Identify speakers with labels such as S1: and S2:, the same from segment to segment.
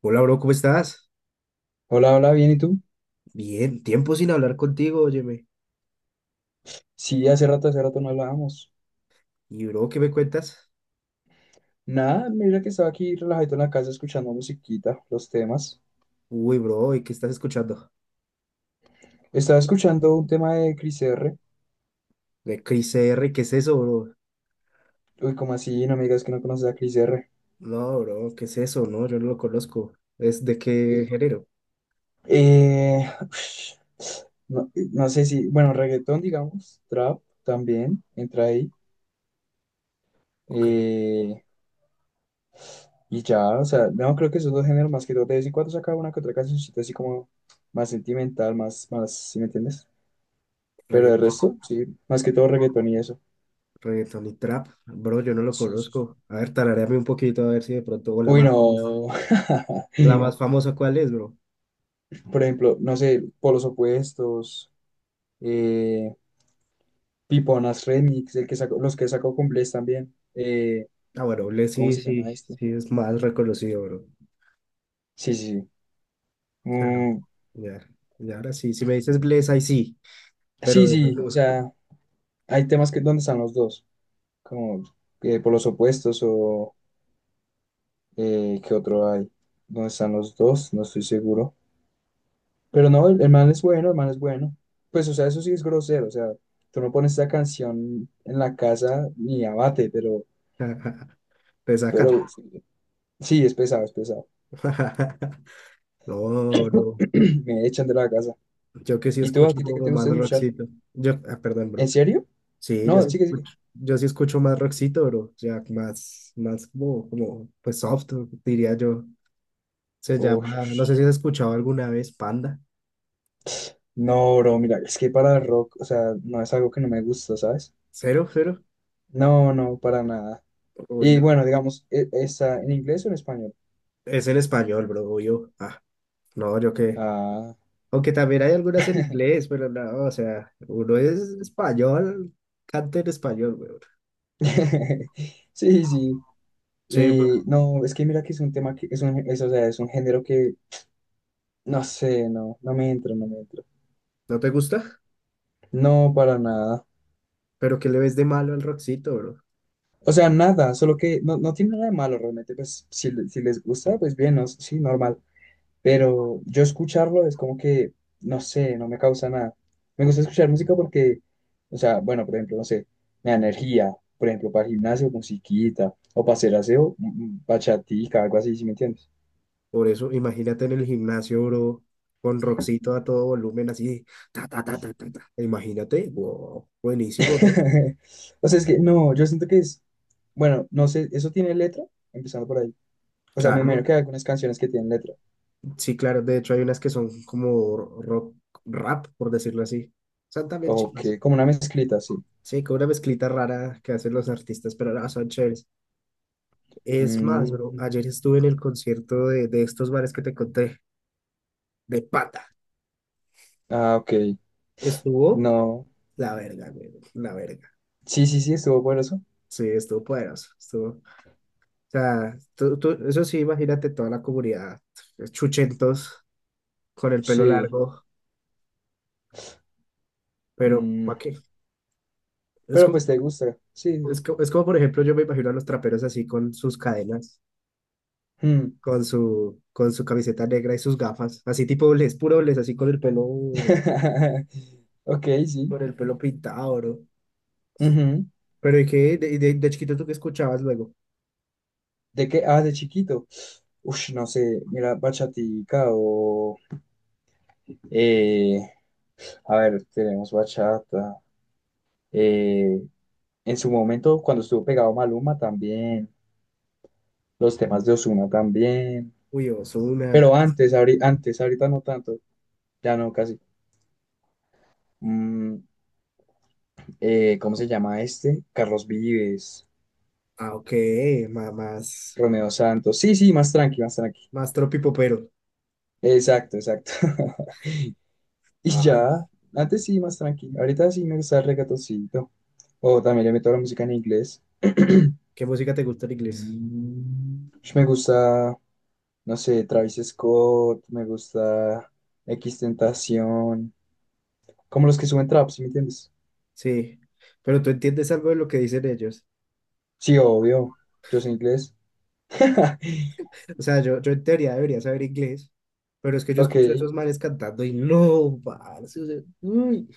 S1: Hola, bro, ¿cómo estás?
S2: Hola, hola, bien, ¿y tú?
S1: Bien, tiempo sin hablar contigo, óyeme.
S2: Sí, hace rato no hablábamos.
S1: Y, bro, ¿qué me cuentas?
S2: Nada, mira que estaba aquí relajadito en la casa escuchando musiquita, los temas.
S1: Uy, bro, ¿y qué estás escuchando?
S2: Estaba escuchando un tema de Cris R.
S1: De Chris R, ¿qué es eso, bro?
S2: Uy, ¿como así? No me digas que no conoces a Cris R.
S1: No, bro, ¿qué es eso? No, yo no lo conozco. ¿Es de qué género?
S2: Eh, no, no sé si, bueno, reggaetón, digamos, trap también, entra ahí.
S1: Ok,
S2: Eh, y ya, o sea, no, creo que esos dos géneros más que todo. De vez en cuando saca una que otra cancioncita así como más sentimental, más, ¿sí me entiendes? Pero el
S1: regga-
S2: resto, sí, más que todo reggaetón y eso.
S1: reggaetón y trap. Bro, yo no lo
S2: Sí, sí,
S1: conozco.
S2: sí.
S1: A ver, tararéame un poquito, a ver si de pronto, o la
S2: Uy,
S1: más famosa.
S2: no.
S1: ¿La más famosa cuál es, bro?
S2: Por ejemplo, no sé, Polos Opuestos, eh, Piponas Remix, el que sacó, los que sacó Cumbles también.
S1: Ah, bueno, le
S2: ¿Cómo
S1: sí,
S2: se
S1: sí,
S2: llama este?
S1: sí, es más reconocido, bro.
S2: Sí, sí, sí.
S1: Claro.
S2: Mm,
S1: Ya, y ahora sí, si me dices Bless, ahí sí,
S2: sí,
S1: pero.
S2: sí, o sea, hay temas que donde están los dos, como Polos Opuestos o ¿qué otro hay? ¿Dónde están los dos? No estoy seguro. Pero no, el man es bueno, el man es bueno. Pues, o sea, eso sí es grosero. O sea, tú no pones esa canción en la casa ni abate,
S1: Te sacan.
S2: pero sí, sí, es pesado, es pesado.
S1: No, bro,
S2: Me echan de la casa.
S1: yo que sí
S2: ¿Y tú a
S1: escucho
S2: ti qué
S1: como
S2: te
S1: más
S2: gusta escuchar?
S1: rockcito. Yo, ah, perdón, bro.
S2: ¿En serio?
S1: Sí, yo
S2: No,
S1: sí
S2: sigue, sigue.
S1: escucho, yo sí escucho más rockcito, bro. Ya más pues soft, diría yo. Se llama, no sé
S2: Ush.
S1: si has escuchado alguna vez Panda.
S2: No, bro, mira, es que para el rock, o sea, no es algo que no me gusta, ¿sabes?
S1: Cero, cero.
S2: No, no, para nada.
S1: Uy,
S2: Y
S1: no.
S2: bueno, digamos, ¿está en inglés o en español?
S1: Es en español, bro. Yo, ah, no, yo que.
S2: Ah,
S1: Aunque también hay algunas en inglés, pero no, o sea, uno es español, canta en español, weón.
S2: sí, sí.
S1: Sí, bro.
S2: Y no, es que mira que es un tema que es un, es, o sea, es un género que no sé, no, no me entro, no me entro.
S1: ¿No te gusta?
S2: No, para nada.
S1: Pero ¿qué le ves de malo al Roxito, bro?
S2: O sea, nada, solo que no, no tiene nada de malo realmente. Pues si, si les gusta, pues bien, no, sí, normal. Pero yo escucharlo es como que, no sé, no me causa nada. Me gusta escuchar música porque, o sea, bueno, por ejemplo, no sé, me da energía, por ejemplo, para el gimnasio, musiquita, o para hacer aseo, bachatica, algo así, ¿sí me entiendes?
S1: Por eso, imagínate en el gimnasio, bro, con Roxito a todo volumen, así, ta, ta, ta, ta, ta, ta. Imagínate, wow, buenísimo, ¿no?
S2: O sea, es que no, yo siento que es, bueno, no sé, ¿eso tiene letra? Empezando por ahí. O sea, me imagino
S1: Claro,
S2: que hay algunas canciones que tienen letra.
S1: sí, claro. De hecho, hay unas que son como rock, rap, por decirlo así. Son también
S2: O
S1: chivas.
S2: que, como una mezclita, sí.
S1: Sí, con una mezclita rara que hacen los artistas, pero no, son chéveres. Es más, bro,
S2: Mm,
S1: ayer estuve en el concierto de estos bares que te conté, de Pata.
S2: ah, ok.
S1: Estuvo
S2: No.
S1: la verga, güey, la verga.
S2: Sí, sí, sí, estuvo bueno eso.
S1: Sí, estuvo poderoso, estuvo sea, eso sí, imagínate toda la comunidad, pues, chuchentos, con el pelo
S2: Sí.
S1: largo, pero ¿para
S2: Mm,
S1: qué? Es
S2: pero
S1: como,
S2: pues te gusta.
S1: es
S2: Sí.
S1: como, es como, por ejemplo, yo me imagino a los traperos así con sus cadenas,
S2: Mm.
S1: con su camiseta negra y sus gafas, así tipo les puro les así
S2: Ok, sí.
S1: con el pelo pintado, ¿no?
S2: Ujú.
S1: Pero ¿y qué? De chiquito tú qué escuchabas luego?
S2: ¿De qué? Ah, de chiquito. Uf, no sé, mira, bachatica o... eh, a ver, tenemos bachata. Eh, en su momento, cuando estuvo pegado Maluma también, los temas de Ozuna también,
S1: Uy, Ozuna,
S2: pero antes, antes, ahorita no tanto, ya no casi. Mm, ¿cómo se llama este? Carlos Vives,
S1: ah, ok, ma- más,
S2: Romeo Santos. Sí, sí, más tranqui, más tranqui.
S1: más tropipopero.
S2: Exacto, exacto. Y
S1: Ah,
S2: ya, antes sí, más tranqui. Ahorita sí me gusta el reggaetoncito. O también le meto la música en inglés.
S1: ¿qué música te gusta en inglés?
S2: Me gusta, no sé, Travis Scott, me gusta Tentación, como los que suben trap, ¿sí me entiendes?
S1: Sí, pero tú entiendes algo de lo que dicen ellos.
S2: Sí, obvio, yo soy inglés.
S1: O sea, yo en teoría debería saber inglés, pero es que yo
S2: Ok,
S1: escucho a esos manes cantando y no, parce, o sea, uy,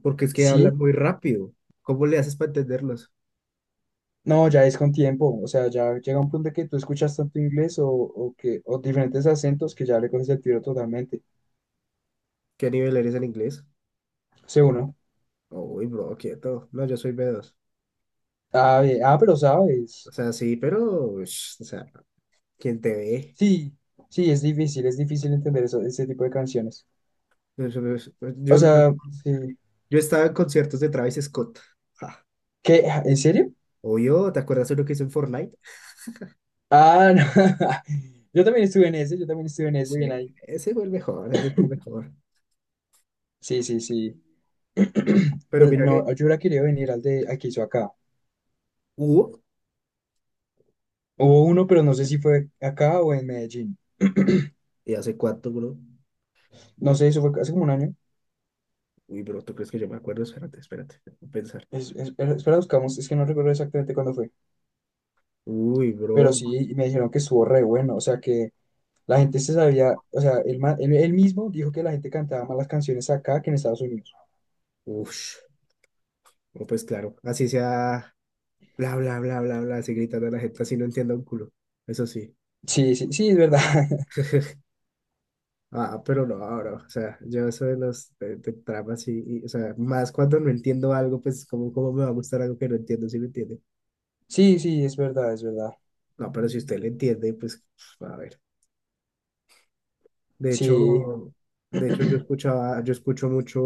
S1: porque es que hablan
S2: sí,
S1: muy rápido. ¿Cómo le haces para entenderlos?
S2: no, ya es con tiempo, o sea, ya llega un punto de que tú escuchas tanto inglés o que, o diferentes acentos que ya le coges el tiro totalmente,
S1: ¿Qué nivel eres en inglés?
S2: sé uno.
S1: Uy, bro, quieto. No, yo soy B2.
S2: Ah, bien, ah, pero
S1: O
S2: sabes,
S1: sea, sí, pero, ush, o sea, ¿quién te ve?
S2: sí, sí, es difícil entender eso, ese tipo de canciones.
S1: Eso no es-
S2: O
S1: Yo,
S2: sea, sí,
S1: yo estaba en conciertos de Travis Scott. Ja.
S2: ¿qué? ¿En serio?
S1: Obvio, ¿te acuerdas de lo que hizo en Fortnite?
S2: Ah, no. Yo también estuve en ese, yo también estuve en ese, bien
S1: Sí,
S2: ahí.
S1: ese fue el mejor, ese fue el mejor.
S2: Sí, sí, sí.
S1: Pero
S2: Pero
S1: mira que
S2: no, yo hubiera querido venir al de al que hizo acá.
S1: hubo.
S2: Hubo uno, pero no sé si fue acá o en Medellín.
S1: ¿Y hace cuánto, bro?
S2: No sé, eso fue hace como un año.
S1: Uy, bro, ¿tú crees que yo me acuerdo? Espérate, espérate, déjame pensar.
S2: Espera, espera, buscamos, es que no recuerdo exactamente cuándo fue.
S1: Uy,
S2: Pero
S1: bro.
S2: sí, y me dijeron que estuvo re bueno. O sea, que la gente se sabía, o sea, él, él, él mismo dijo que la gente cantaba más las canciones acá que en Estados Unidos.
S1: Ush. No, pues claro, así sea, bla, bla, bla, bla, bla, así gritando a la gente, así no entiendo un culo. Eso sí.
S2: Sí, sí, sí, es verdad.
S1: Ah, pero no, ahora, o sea, yo eso de los de tramas y, o sea, más cuando no entiendo algo, pues, ¿cómo me va a gustar algo que no entiendo, si me entiende?
S2: Sí, sí, es verdad, es verdad.
S1: No, pero si usted le entiende, pues, a ver. De
S2: Sí.
S1: hecho, de hecho, yo escuchaba, yo escucho mucho,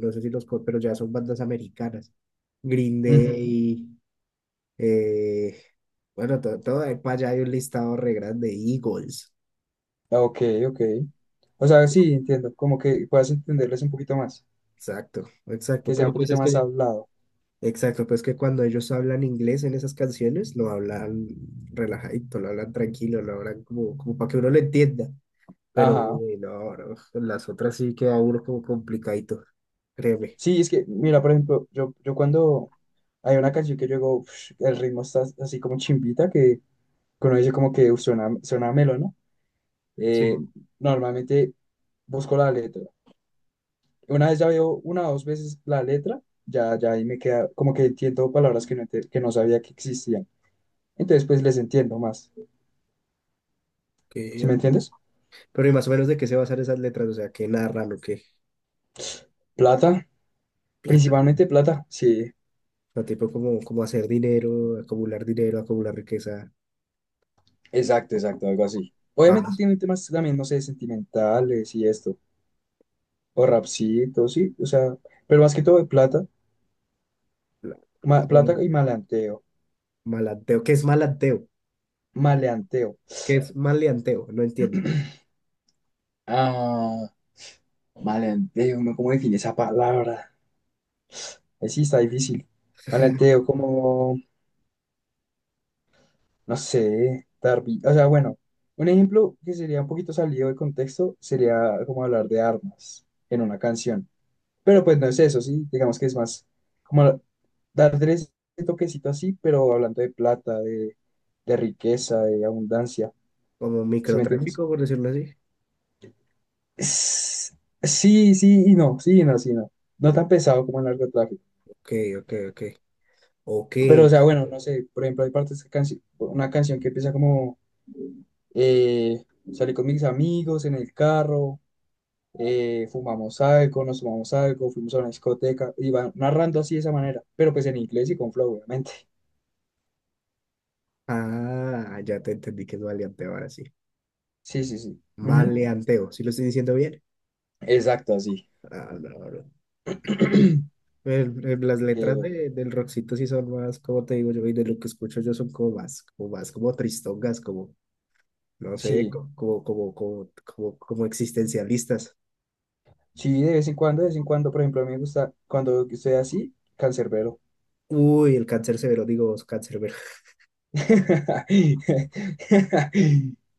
S1: no sé si los, pero ya son bandas americanas. Green
S2: Ujú.
S1: Day, eh, bueno, todo, ahí para allá hay un listado re grande, Eagles,
S2: Ah, ok, ok. O sea, sí, entiendo, como que puedas entenderles un poquito más,
S1: exacto, exacto,
S2: que sea
S1: pero
S2: un
S1: pues
S2: poquito
S1: es
S2: más
S1: que,
S2: hablado.
S1: exacto, pues que cuando ellos hablan inglés en esas canciones, lo hablan relajadito, lo hablan tranquilo, lo hablan como para que uno lo entienda, pero
S2: Ajá.
S1: uy, no, no, las otras sí queda uno como complicadito, créeme,
S2: Sí, es que, mira, por ejemplo, yo cuando hay una canción que yo digo, "Ush, el ritmo está así como chimbita", que uno dice como que "Uf, suena, suena melo, ¿no?".
S1: sí,
S2: Eh,
S1: ok,
S2: Normalmente busco la letra. Una vez ya veo una o dos veces la letra, ya, ya ahí me queda, como que entiendo palabras que no, que no sabía que existían. Entonces, pues les entiendo más. ¿Sí me
S1: ok.
S2: entiendes?
S1: Pero y más o menos de qué se basan esas letras, o sea, qué narran o qué,
S2: Plata,
S1: plata,
S2: principalmente plata, sí.
S1: o sea, tipo como hacer dinero, acumular riqueza.
S2: Exacto, exacto, algo así.
S1: Ah,
S2: Obviamente tiene temas también, no sé, sentimentales y esto, o rapcitos, sí, o sea, pero más que todo de plata,
S1: la- solo
S2: plata y maleanteo,
S1: malanteo. ¿Qué es malanteo?
S2: maleanteo.
S1: ¿Qué es maleanteo? No entiendo.
S2: Ah, maleanteo, ¿no? ¿Cómo define esa palabra? Sí, está difícil. Maleanteo, como, no sé, darby. O sea, bueno, un ejemplo que sería un poquito salido de contexto sería como hablar de armas en una canción. Pero pues no es eso, sí, digamos que es más como darle ese toquecito así, pero hablando de plata, de riqueza, de abundancia,
S1: Como
S2: ¿sí me entiendes?
S1: microtráfico, por decirlo así.
S2: Es- Sí, sí y no, sí y no, sí y no. No tan pesado como el narcotráfico.
S1: Ok, ok, ok. Ok.
S2: Pero, o sea, bueno, no sé, por ejemplo, hay partes que una canción que empieza como eh, salí con mis amigos en el carro, fumamos algo, nos fumamos algo, fuimos a una discoteca, y van narrando así de esa manera, pero pues en inglés y con flow, obviamente.
S1: Ah, ya te entendí que es maleanteo ahora sí.
S2: Sí, sí, sí. Ujú.
S1: Maleanteo. ¿Sí lo estoy diciendo bien?
S2: Exacto, así.
S1: Ah, no, no. Las
S2: ¿Qué
S1: letras
S2: otro?
S1: del Roxito sí son más, como te digo yo, y de lo que escucho yo son como más, como tristongas, como, no sé,
S2: Sí,
S1: como existencialistas.
S2: sí, de vez en cuando, de vez en cuando, por ejemplo, a mí me gusta cuando estoy así, Cancerbero.
S1: Uy, el cáncer severo, digo, cáncer.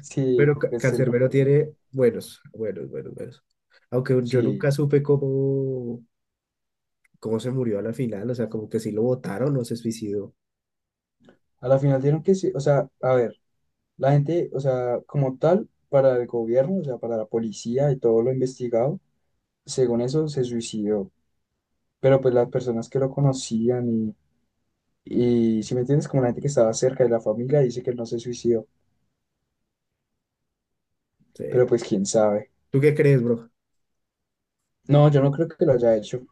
S2: Sí,
S1: Pero Cancerbero
S2: Cancerbero.
S1: tiene buenos, buenos, buenos, buenos. Aunque yo
S2: Sí,
S1: nunca
S2: sí.
S1: supe cómo, se murió a la final, o sea, como que si lo votaron o se suicidó.
S2: A la final dieron que sí, o sea, a ver, la gente, o sea, como tal, para el gobierno, o sea, para la policía y todo lo investigado, según eso, se suicidó. Pero pues las personas que lo conocían y si me entiendes, como la gente que estaba cerca de la familia, dice que él no se suicidó.
S1: Sí,
S2: Pero
S1: no.
S2: pues quién sabe.
S1: ¿Tú qué crees, bro?
S2: No, yo no creo que lo haya hecho.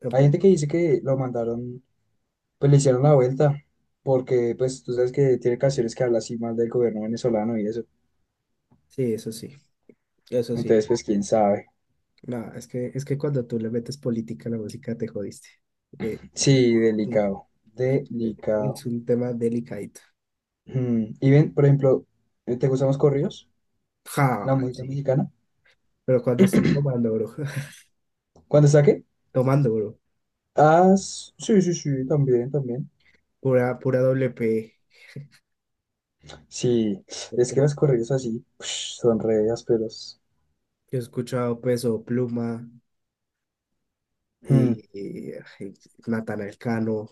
S1: No,
S2: Hay
S1: pues,
S2: gente que dice que lo mandaron, pues le hicieron la vuelta, porque pues tú sabes que tiene canciones que habla así mal del gobierno venezolano y eso.
S1: sí, eso sí, eso sí.
S2: Entonces, pues quién sabe.
S1: No, es que cuando tú le metes política a la música te jodiste. Eh, Ahí
S2: Sí,
S1: está, sí,
S2: delicado, delicado.
S1: es un tema delicadito.
S2: Mm, y ven, por ejemplo, ¿te gustan los corridos?
S1: Ja,
S2: La música
S1: sí.
S2: mexicana.
S1: Pero cuando estoy tomando, bro,
S2: ¿Cuándo saqué?
S1: tomando, bro,
S2: Ah, sí, sí, sí, también, también.
S1: pura doble P.
S2: Sí,
S1: Yo
S2: es que los corridos así, son re ásperos.
S1: he escuchado Peso Pluma, y,
S2: Mm,
S1: y, y Natanael Cano,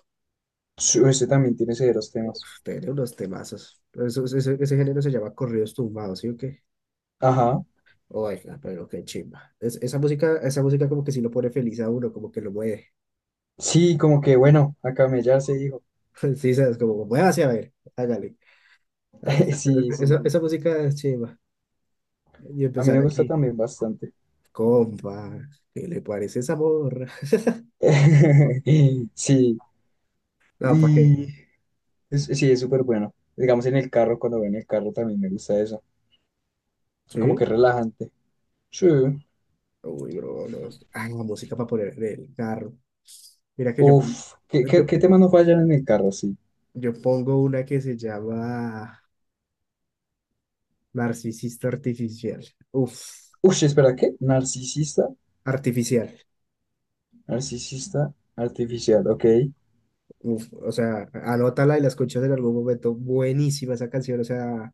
S2: sí, ese también tiene severos temas.
S1: uf, tiene unos temazos. Pero ese género se llama corridos tumbados, ¿sí o qué?
S2: Ajá.
S1: Oiga, pero qué chimba. Esa música como que sí lo pone feliz a uno, como que lo mueve.
S2: Sí, como que bueno, a camellar se dijo.
S1: Sí, sabes, como muévase a ver, hágale. Ah, esa,
S2: Sí, sí.
S1: esa, esa música es chimba. Y
S2: A mí
S1: empezar
S2: me gusta
S1: aquí,
S2: también bastante.
S1: compa, ¿qué le parece esa morra?
S2: Sí,
S1: No, ¿para qué?
S2: y sí, es súper bueno. Digamos en el carro, cuando voy en el carro también me gusta eso. Como
S1: ¿Sí?
S2: que relajante. Sí.
S1: Uy, bro, no. Ay, la música para poner en el carro. Mira que
S2: Uf, ¿qué, qué,
S1: yo,
S2: qué temas no fallan en el carro? Sí.
S1: Yo pongo una que se llama Narcisista Artificial. Uf,
S2: Uf, espera, ¿qué? Narcisista,
S1: artificial.
S2: narcisista artificial, ok.
S1: Uf, o sea, anótala y la escuchas en algún momento. Buenísima esa canción, o sea,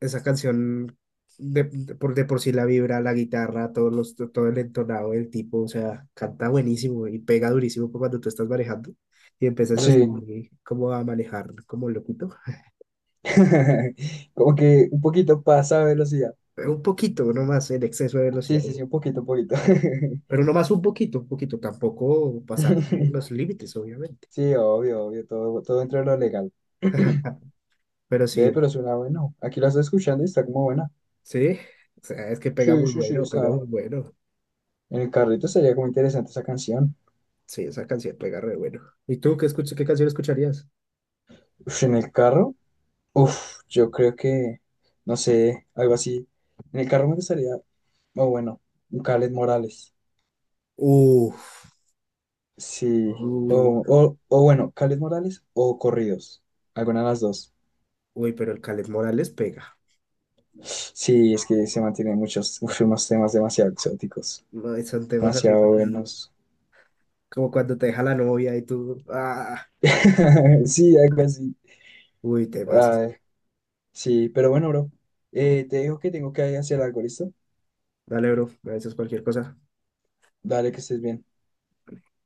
S1: esa canción de por sí la vibra, la guitarra, todos los, todo el entonado del tipo, o sea, canta buenísimo y pega durísimo pa' cuando tú estás manejando y empiezas así
S2: Sí.
S1: como a manejar como loquito.
S2: Como que un poquito pasa a velocidad.
S1: Un poquito, no más en exceso de
S2: Sí,
S1: velocidad.
S2: sí, sí, un poquito, un poquito.
S1: Pero no más un poquito, tampoco pasarse los límites, obviamente.
S2: Sí, obvio, obvio, todo, todo dentro de lo legal.
S1: Pero sí,
S2: Ve, pero suena bueno. Aquí la estoy escuchando y está como buena.
S1: sí, o sea, es que pega
S2: Sí,
S1: muy
S2: sí, sí,
S1: bueno, pega
S2: está.
S1: muy bueno.
S2: En el carrito sería como interesante esa canción.
S1: Sí, esa canción pega re bueno. ¿Y tú qué escuchas, qué canción escucharías?
S2: Uf, en el carro, uf, yo creo que, no sé, algo así. En el carro me gustaría, o bueno, un Kaleth Morales.
S1: Uf,
S2: Sí, o,
S1: uh,
S2: o bueno, Kaleth Morales o Corridos. Alguna de las dos.
S1: uy, pero el Caleb Morales pega.
S2: Sí, es que se mantienen muchos, uf, unos temas demasiado exóticos,
S1: No, y son temas así
S2: demasiado
S1: como,
S2: buenos.
S1: como cuando te deja la novia y tú, ah,
S2: Sí, algo así.
S1: uy, temas.
S2: Ay, sí, pero bueno, bro. Te digo que tengo que hacer algo, ¿listo?
S1: Dale, bro, me dices cualquier cosa.
S2: Dale, que estés bien.